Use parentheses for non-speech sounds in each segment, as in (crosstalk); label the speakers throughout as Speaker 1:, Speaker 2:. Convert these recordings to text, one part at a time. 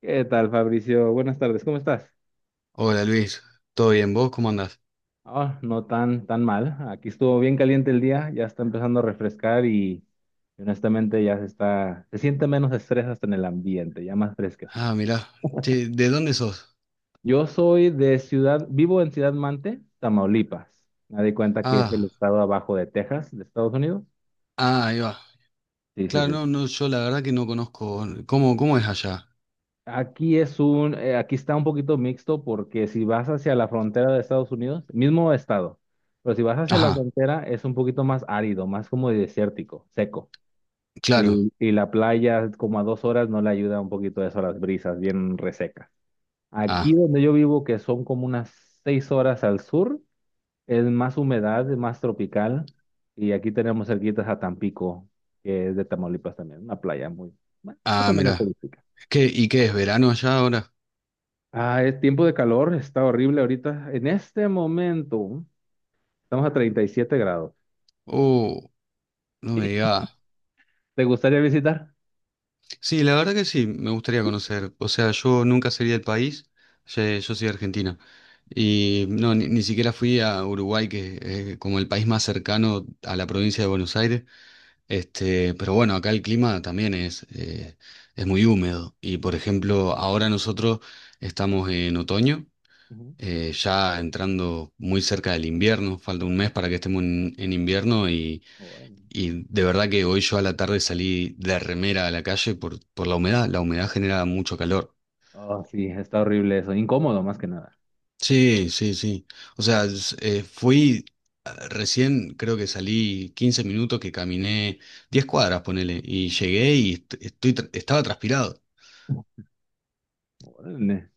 Speaker 1: ¿Qué tal, Fabricio? Buenas tardes, ¿cómo estás?
Speaker 2: Hola Luis, ¿todo bien? ¿Vos cómo andás?
Speaker 1: Ah, no tan mal. Aquí estuvo bien caliente el día, ya está empezando a refrescar y honestamente se siente menos estrés hasta en el ambiente, ya más fresquecito.
Speaker 2: Ah, mirá, che, ¿de dónde sos?
Speaker 1: Yo soy de ciudad, vivo en Ciudad Mante, Tamaulipas. Me di cuenta que es el
Speaker 2: Ah,
Speaker 1: estado abajo de Texas, de Estados Unidos.
Speaker 2: ah, ahí va.
Speaker 1: Sí, sí,
Speaker 2: Claro,
Speaker 1: sí.
Speaker 2: no, no, yo la verdad que no conozco. ¿Cómo, cómo es allá?
Speaker 1: Aquí está un poquito mixto porque si vas hacia la frontera de Estados Unidos, mismo estado, pero si vas hacia la
Speaker 2: Ajá,
Speaker 1: frontera es un poquito más árido, más como desértico, seco. Y,
Speaker 2: claro.
Speaker 1: y la playa como a 2 horas no le ayuda un poquito eso a las brisas, bien resecas. Aquí
Speaker 2: Ah,
Speaker 1: donde yo vivo, que son como unas 6 horas al sur, es más humedad, es más tropical. Y aquí tenemos cerquitas a Tampico, que es de Tamaulipas también, una playa muy, bueno, más
Speaker 2: ah,
Speaker 1: o menos
Speaker 2: mirá.
Speaker 1: turística.
Speaker 2: ¿Qué, y qué es verano allá ahora?
Speaker 1: Ah, es tiempo de calor, está horrible ahorita. En este momento estamos a 37 grados. (laughs)
Speaker 2: Oh, no me
Speaker 1: Sí.
Speaker 2: digas.
Speaker 1: ¿Te gustaría visitar?
Speaker 2: Sí, la verdad que sí, me gustaría conocer. O sea, yo nunca salí del país, yo soy de Argentina. Y no, ni, ni siquiera fui a Uruguay, que es como el país más cercano a la provincia de Buenos Aires. Este, pero bueno, acá el clima también es muy húmedo. Y por ejemplo, ahora nosotros estamos en otoño,
Speaker 1: Ujú.
Speaker 2: ya entrando muy cerca del invierno, falta un mes para que estemos en invierno
Speaker 1: Órale.
Speaker 2: y de verdad que hoy yo a la tarde salí de remera a la calle por la humedad. La humedad genera mucho calor.
Speaker 1: Oh, sí, está horrible eso, incómodo más que nada.
Speaker 2: Sí, sí, sí. O sea, fui ah, recién, creo que salí 15 minutos, que caminé 10 cuadras, ponele, y llegué y estoy, estaba transpirado.
Speaker 1: (laughs) Órale.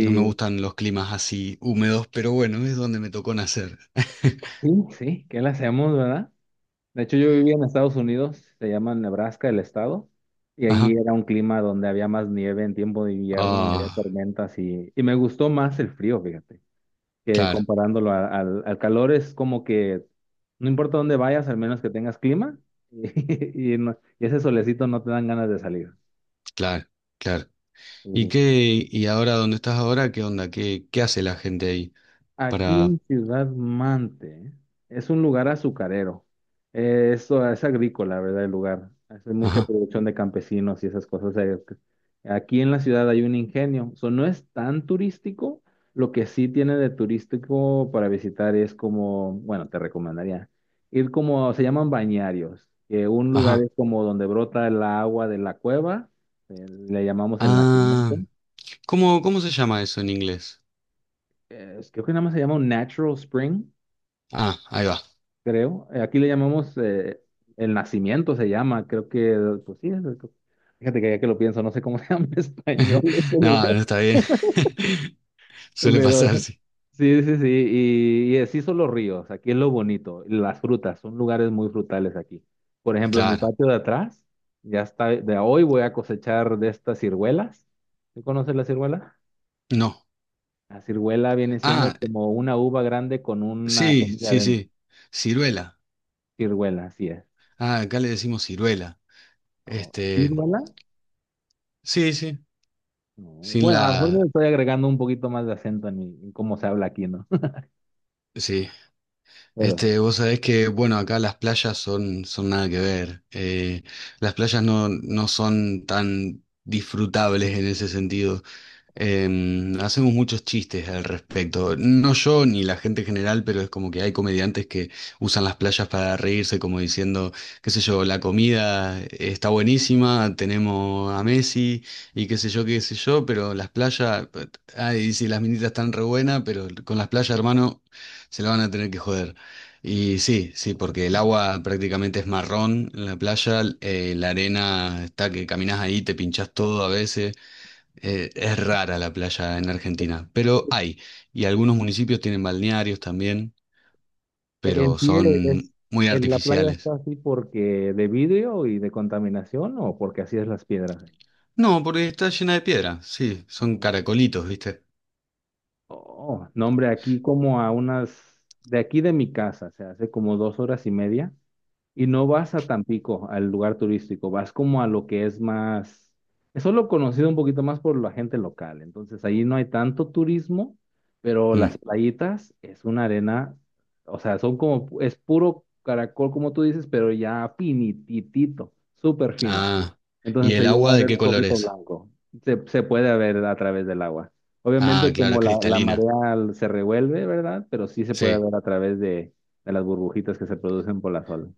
Speaker 2: No me gustan los climas así húmedos, pero bueno, es donde me tocó nacer. (laughs)
Speaker 1: sí, sí, ¿qué le hacemos, verdad? De hecho, yo vivía en Estados Unidos, se llama Nebraska el estado, y allí
Speaker 2: Ajá.
Speaker 1: era un clima donde había más nieve en tiempo de invierno, y había
Speaker 2: Ah,
Speaker 1: tormentas y me gustó más el frío, fíjate, que
Speaker 2: claro,
Speaker 1: comparándolo al calor es como que no importa dónde vayas, al menos que tengas clima (laughs) y ese solecito no te dan ganas de salir.
Speaker 2: claro, claro. ¿Y qué, y ahora dónde estás ahora? ¿Qué onda? ¿Qué, qué hace la gente ahí
Speaker 1: Aquí
Speaker 2: para...
Speaker 1: en Ciudad Mante es un lugar azucarero. Eso es agrícola, ¿verdad? El lugar. Hace mucha
Speaker 2: Ajá,
Speaker 1: producción de campesinos y esas cosas. Aquí en la ciudad hay un ingenio. O no es tan turístico. Lo que sí tiene de turístico para visitar es como, bueno, te recomendaría ir como, se llaman bañarios, que un lugar
Speaker 2: ajá.
Speaker 1: es como donde brota el agua de la cueva, le llamamos el
Speaker 2: Ah,
Speaker 1: nacimiento.
Speaker 2: ¿cómo, cómo se llama eso en inglés?
Speaker 1: Creo que nada más se llama un natural spring
Speaker 2: Ah, ahí va.
Speaker 1: creo. Aquí le llamamos el nacimiento, se llama, creo que, pues sí, fíjate que ya que lo pienso, no sé cómo (laughs) se llama en español ese
Speaker 2: (laughs)
Speaker 1: lugar,
Speaker 2: No, no está bien. (laughs) Suele
Speaker 1: pero
Speaker 2: pasar, sí.
Speaker 1: sí, sí, sí, y así son los ríos, aquí es lo bonito, las frutas, son lugares muy frutales aquí. Por ejemplo, en mi
Speaker 2: Claro.
Speaker 1: patio de atrás, ya está, de hoy voy a cosechar de estas ciruelas. ¿Tú conoces la ciruela?
Speaker 2: No.
Speaker 1: La ciruela viene siendo
Speaker 2: Ah,
Speaker 1: como una uva grande con una
Speaker 2: sí,
Speaker 1: semilla
Speaker 2: sí,
Speaker 1: adentro.
Speaker 2: sí. Ciruela.
Speaker 1: Ciruela, así es.
Speaker 2: Ah, acá le decimos ciruela.
Speaker 1: Oh,
Speaker 2: Este,
Speaker 1: ¿ciruela?
Speaker 2: sí, sí.
Speaker 1: No,
Speaker 2: Sin
Speaker 1: bueno, a lo mejor
Speaker 2: la,
Speaker 1: le estoy agregando un poquito más de acento en, en cómo se habla aquí, ¿no?
Speaker 2: sí.
Speaker 1: (laughs) Pero sí.
Speaker 2: Este, vos sabés que, bueno, acá las playas son, son nada que ver. Las playas no, no son tan disfrutables en ese sentido. Em, hacemos muchos chistes al respecto. No yo ni la gente en general, pero es como que hay comediantes que usan las playas para reírse, como diciendo, qué sé yo, la comida está buenísima, tenemos a Messi y qué sé yo, pero las playas, ay, sí, las minitas están re buenas, pero con las playas, hermano, se la van a tener que joder. Y sí, sí, porque el agua prácticamente es marrón en la playa, la arena está que caminas ahí, te pinchás todo a veces. Es rara la playa en Argentina, pero hay. Y algunos municipios tienen balnearios también, pero
Speaker 1: En sí es,
Speaker 2: son muy
Speaker 1: en la playa
Speaker 2: artificiales.
Speaker 1: está así porque de vidrio y de contaminación o porque así es las piedras.
Speaker 2: No, porque está llena de piedra. Sí, son
Speaker 1: ¿Ahí?
Speaker 2: caracolitos, ¿viste?
Speaker 1: Oh, no, hombre, aquí como a unas, de aquí de mi casa, se hace como 2 horas y media, y no vas a Tampico, al lugar turístico, vas como a lo que es más, es solo conocido un poquito más por la gente local, entonces ahí no hay tanto turismo, pero las
Speaker 2: Mm.
Speaker 1: playitas es una arena, o sea, son como, es puro caracol como tú dices, pero ya finititito, súper fino.
Speaker 2: Ah, ¿y
Speaker 1: Entonces
Speaker 2: el
Speaker 1: se llega a
Speaker 2: agua de
Speaker 1: ver
Speaker 2: qué
Speaker 1: un
Speaker 2: color
Speaker 1: poquito
Speaker 2: es?
Speaker 1: blanco. Se puede ver a través del agua.
Speaker 2: Ah,
Speaker 1: Obviamente
Speaker 2: claro, es
Speaker 1: como la
Speaker 2: cristalina.
Speaker 1: marea se revuelve, ¿verdad? Pero sí se puede
Speaker 2: Sí,
Speaker 1: ver a través de las burbujitas que se producen por la sol.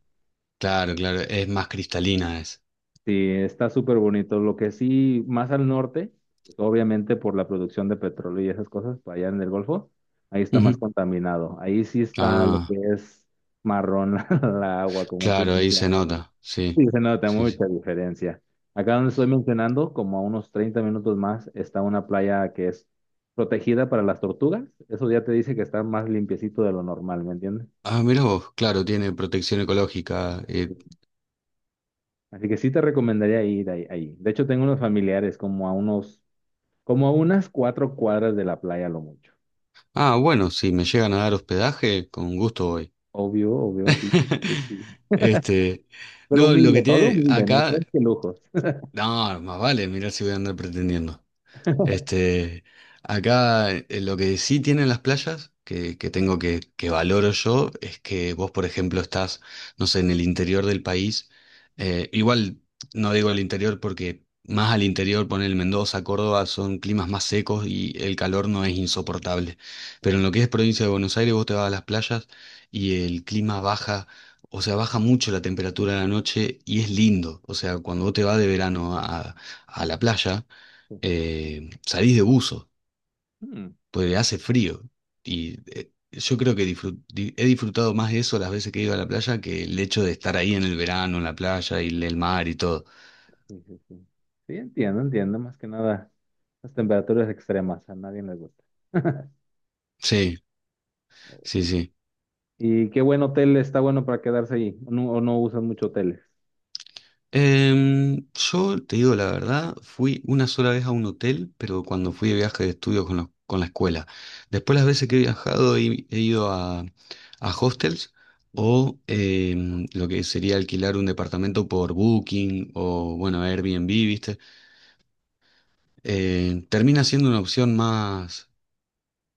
Speaker 2: claro, claro, es más cristalina es.
Speaker 1: Sí, está súper bonito. Lo que sí, más al norte, pues, obviamente por la producción de petróleo y esas cosas, pues, allá en el Golfo, ahí está más
Speaker 2: Ujú.
Speaker 1: contaminado. Ahí sí está lo
Speaker 2: Ah,
Speaker 1: que es marrón (laughs) la agua, como tú
Speaker 2: claro, ahí se
Speaker 1: mencionas.
Speaker 2: nota. Sí,
Speaker 1: Sí, se nota
Speaker 2: sí,
Speaker 1: mucha
Speaker 2: sí.
Speaker 1: diferencia. Acá donde estoy mencionando, como a unos 30 minutos más, está una playa que es protegida para las tortugas. Eso ya te dice que está más limpiecito de lo normal, ¿me entiendes?
Speaker 2: Ah, mirá vos, claro, tiene protección ecológica. Eh.
Speaker 1: Sí. Así que sí te recomendaría ir ahí, ahí. De hecho, tengo unos familiares como a unas 4 cuadras de la playa, a lo mucho.
Speaker 2: Ah, bueno, si me llegan a dar hospedaje, con gusto voy.
Speaker 1: Obvio, obvio, así, ¿no? Sí,
Speaker 2: (laughs)
Speaker 1: sí.
Speaker 2: Este,
Speaker 1: Pero
Speaker 2: no, lo
Speaker 1: humilde,
Speaker 2: que
Speaker 1: todo
Speaker 2: tiene
Speaker 1: humilde, no
Speaker 2: acá,
Speaker 1: crees que lujos.
Speaker 2: no, más vale, mirá si voy a andar pretendiendo.
Speaker 1: (laughs)
Speaker 2: Este, acá lo que sí tienen las playas, que tengo que valoro yo, es que vos, por ejemplo, estás, no sé, en el interior del país. Igual no digo el interior porque más al interior, poner Mendoza, Córdoba, son climas más secos y el calor no es insoportable. Pero en
Speaker 1: Mm,
Speaker 2: lo que es provincia de Buenos Aires, vos te vas a las playas y el clima baja. O sea, baja mucho la temperatura de la noche y es lindo. O sea, cuando vos te vas de verano a la playa, salís de buzo,
Speaker 1: sí.
Speaker 2: porque hace frío. Y yo creo que he disfrutado más eso las veces que he ido a la playa que el hecho de estar ahí en el verano, en la playa y el mar y todo.
Speaker 1: Sí, sí, sí. Sí, entiendo, entiendo, más que nada las temperaturas extremas, a nadie les gusta. (laughs)
Speaker 2: Sí, sí, sí.
Speaker 1: ¿Y qué buen hotel está bueno para quedarse ahí? O no usan mucho hoteles?
Speaker 2: Em, yo te digo la verdad, fui una sola vez a un hotel, pero cuando fui de viaje de estudios con, con la escuela. Después las veces que he viajado he, he ido a hostels
Speaker 1: Ujú.
Speaker 2: o em, lo que sería alquilar un departamento por Booking o bueno, Airbnb, ¿viste?
Speaker 1: Sí.
Speaker 2: Termina siendo una opción más,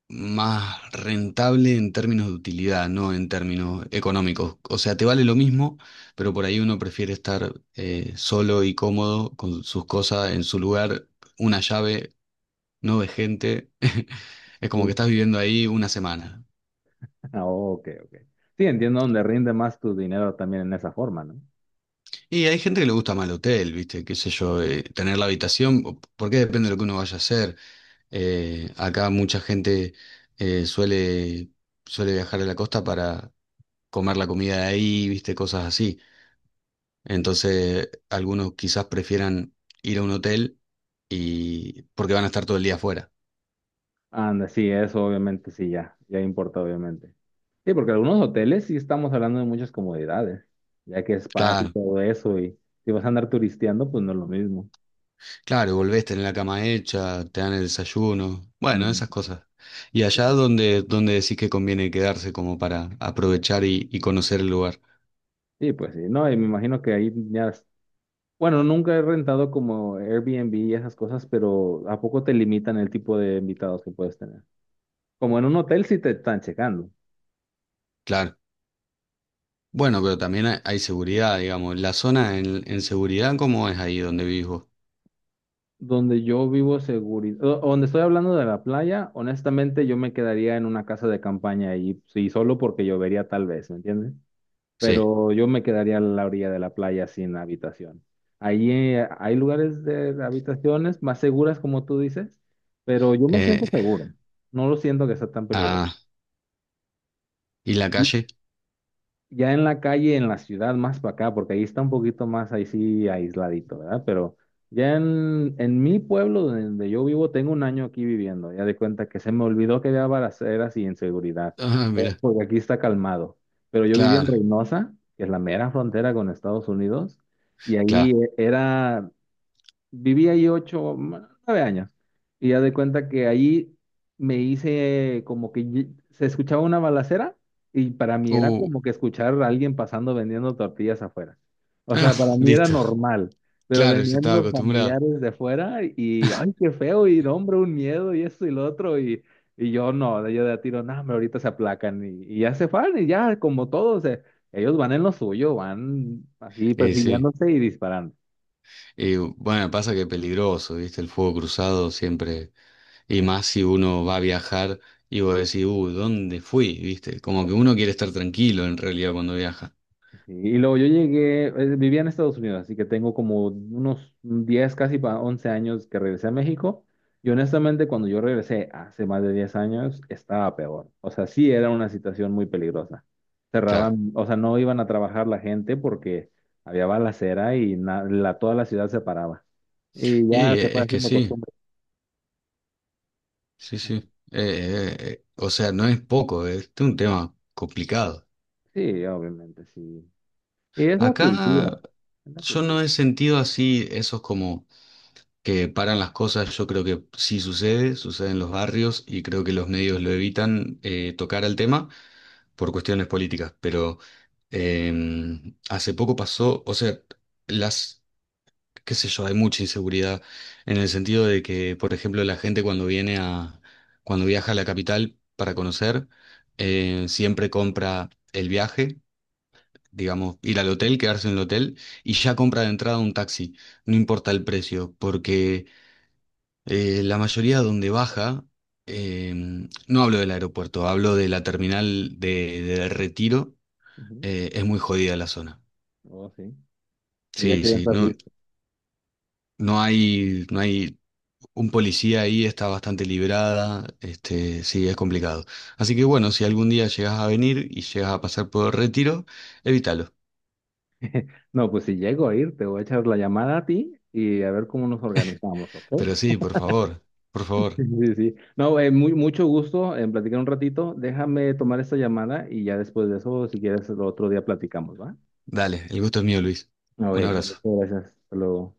Speaker 2: más rentable en términos de utilidad, no en términos económicos. O sea, te vale lo mismo, pero por ahí uno prefiere estar solo y cómodo con sus cosas en su lugar, una llave, no de gente. (laughs) Es como
Speaker 1: Sí.
Speaker 2: que estás viviendo ahí una semana.
Speaker 1: (laughs) Ah, ok, ok. Sí, entiendo donde rinde más tu dinero también en esa forma, ¿no?
Speaker 2: Y hay gente que le gusta más el hotel, ¿viste? Qué sé yo, tener la habitación, o- porque depende de lo que uno vaya a hacer. Acá mucha gente eh, suele, suele viajar a la costa para comer la comida de ahí, viste, cosas así. Entonces, algunos quizás prefieran ir a un hotel y porque van a estar todo el día afuera.
Speaker 1: Anda, sí, eso obviamente sí, ya importa, obviamente. Sí, porque algunos hoteles sí estamos hablando de muchas comodidades, ya que spas y
Speaker 2: Claro,
Speaker 1: todo eso, y si vas a andar turisteando, pues no es lo mismo.
Speaker 2: claro, volvés, tenés la cama hecha, te dan el desayuno, bueno,
Speaker 1: Mm.
Speaker 2: esas cosas. ¿Y allá donde, donde decís que conviene quedarse como para aprovechar y conocer el lugar?
Speaker 1: Sí, pues sí, no, y me imagino que ahí ya bueno, nunca he rentado como Airbnb y esas cosas, pero ¿a poco te limitan el tipo de invitados que puedes tener? Como en un hotel sí te están checando.
Speaker 2: Claro. Bueno, pero también hay seguridad, digamos. ¿La zona en seguridad cómo es ahí donde vivís vos?
Speaker 1: Donde yo vivo seguridad, donde estoy hablando de la playa, honestamente yo me quedaría en una casa de campaña ahí, sí, solo porque llovería tal vez, ¿me entiendes?
Speaker 2: Sí.
Speaker 1: Pero yo me quedaría a la orilla de la playa sin habitación. Ahí hay lugares de habitaciones más seguras, como tú dices, pero yo me
Speaker 2: Eh,
Speaker 1: siento seguro. No lo siento que sea tan peligroso.
Speaker 2: ah, ¿y la calle?
Speaker 1: Ya en la calle, en la ciudad, más para acá, porque ahí está un poquito más ahí sí aisladito, ¿verdad? Pero ya en mi pueblo donde yo vivo, tengo un año aquí viviendo. Ya de cuenta que se me olvidó que había balaceras y inseguridad,
Speaker 2: Ah, mira,
Speaker 1: porque aquí está calmado. Pero yo vivía en
Speaker 2: claro.
Speaker 1: Reynosa, que es la mera frontera con Estados Unidos, y ahí
Speaker 2: Claro,
Speaker 1: e- era viví ahí 9 años. Y ya de cuenta que allí me hice como que se escuchaba una balacera y para mí era
Speaker 2: uh,
Speaker 1: como que escuchar a alguien pasando vendiendo tortillas afuera. O
Speaker 2: ah,
Speaker 1: sea, para
Speaker 2: (laughs)
Speaker 1: mí era
Speaker 2: listo.
Speaker 1: normal, pero
Speaker 2: Claro, yo
Speaker 1: venían
Speaker 2: estaba
Speaker 1: los
Speaker 2: acostumbrado.
Speaker 1: familiares de afuera y, ay, qué feo, y no, hombre, un miedo y esto y lo otro. Y, yo no, yo de a tiro, no, hombre, ahorita se aplacan y ya se van y ya como todos, ellos van en lo suyo, van así
Speaker 2: Y sí.
Speaker 1: persiguiéndose y disparando.
Speaker 2: Y bueno, pasa que es peligroso, ¿viste? El fuego cruzado siempre. Y más si uno va a viajar y vos decís, ¿dónde fui? ¿Viste? Como que uno quiere estar tranquilo en realidad cuando viaja.
Speaker 1: Sí, y luego yo llegué, vivía en Estados Unidos, así que tengo como unos 11 años que regresé a México. Y honestamente, cuando yo regresé hace más de 10 años, estaba peor. O sea, sí era una situación muy peligrosa.
Speaker 2: Claro.
Speaker 1: Cerraban, o sea, no iban a trabajar la gente porque había balacera y toda la ciudad se paraba. Y
Speaker 2: Y
Speaker 1: ya se fue
Speaker 2: es que
Speaker 1: haciendo
Speaker 2: sí,
Speaker 1: costumbre.
Speaker 2: sí, sí. O sea, no es poco, este es un tema complicado.
Speaker 1: Sí, obviamente, sí. Y es la cultura,
Speaker 2: Acá
Speaker 1: es la
Speaker 2: yo
Speaker 1: cultura.
Speaker 2: no he sentido así esos como que paran las cosas, yo creo que sí sucede, sucede en los barrios y creo que los medios lo evitan tocar al tema por cuestiones políticas, pero eh, hace poco pasó, o sea, las, qué sé yo, hay mucha inseguridad en el sentido de que, por ejemplo, la gente cuando viene a, cuando viaja a la capital para conocer, siempre compra el viaje. Digamos, ir al hotel, quedarse en el hotel y ya compra de entrada un taxi, no importa el precio, porque la mayoría donde baja, em, no hablo del aeropuerto, hablo de la terminal de Retiro,
Speaker 1: Ujú.
Speaker 2: es muy jodida la zona.
Speaker 1: Oh, sí. Y ya
Speaker 2: Sí,
Speaker 1: quieren
Speaker 2: sí,
Speaker 1: estar
Speaker 2: no, no hay, no hay un policía ahí, está bastante librada, este, sí, es complicado. Así que bueno, si algún día llegas a venir y llegas a pasar por Retiro, evítalo.
Speaker 1: no, pues si llego a ir, te voy a echar la llamada a ti y a ver cómo nos organizamos, ¿ok?
Speaker 2: Pero
Speaker 1: (laughs)
Speaker 2: sí, por
Speaker 1: Sí,
Speaker 2: favor,
Speaker 1: sí, sí. No, mucho gusto en platicar un ratito. Déjame tomar esta llamada y ya después de eso, si quieres, el otro día platicamos, ¿va?
Speaker 2: dale, el gusto es mío, Luis.
Speaker 1: Ok,
Speaker 2: Un
Speaker 1: muchas
Speaker 2: abrazo.
Speaker 1: gracias. Hasta luego.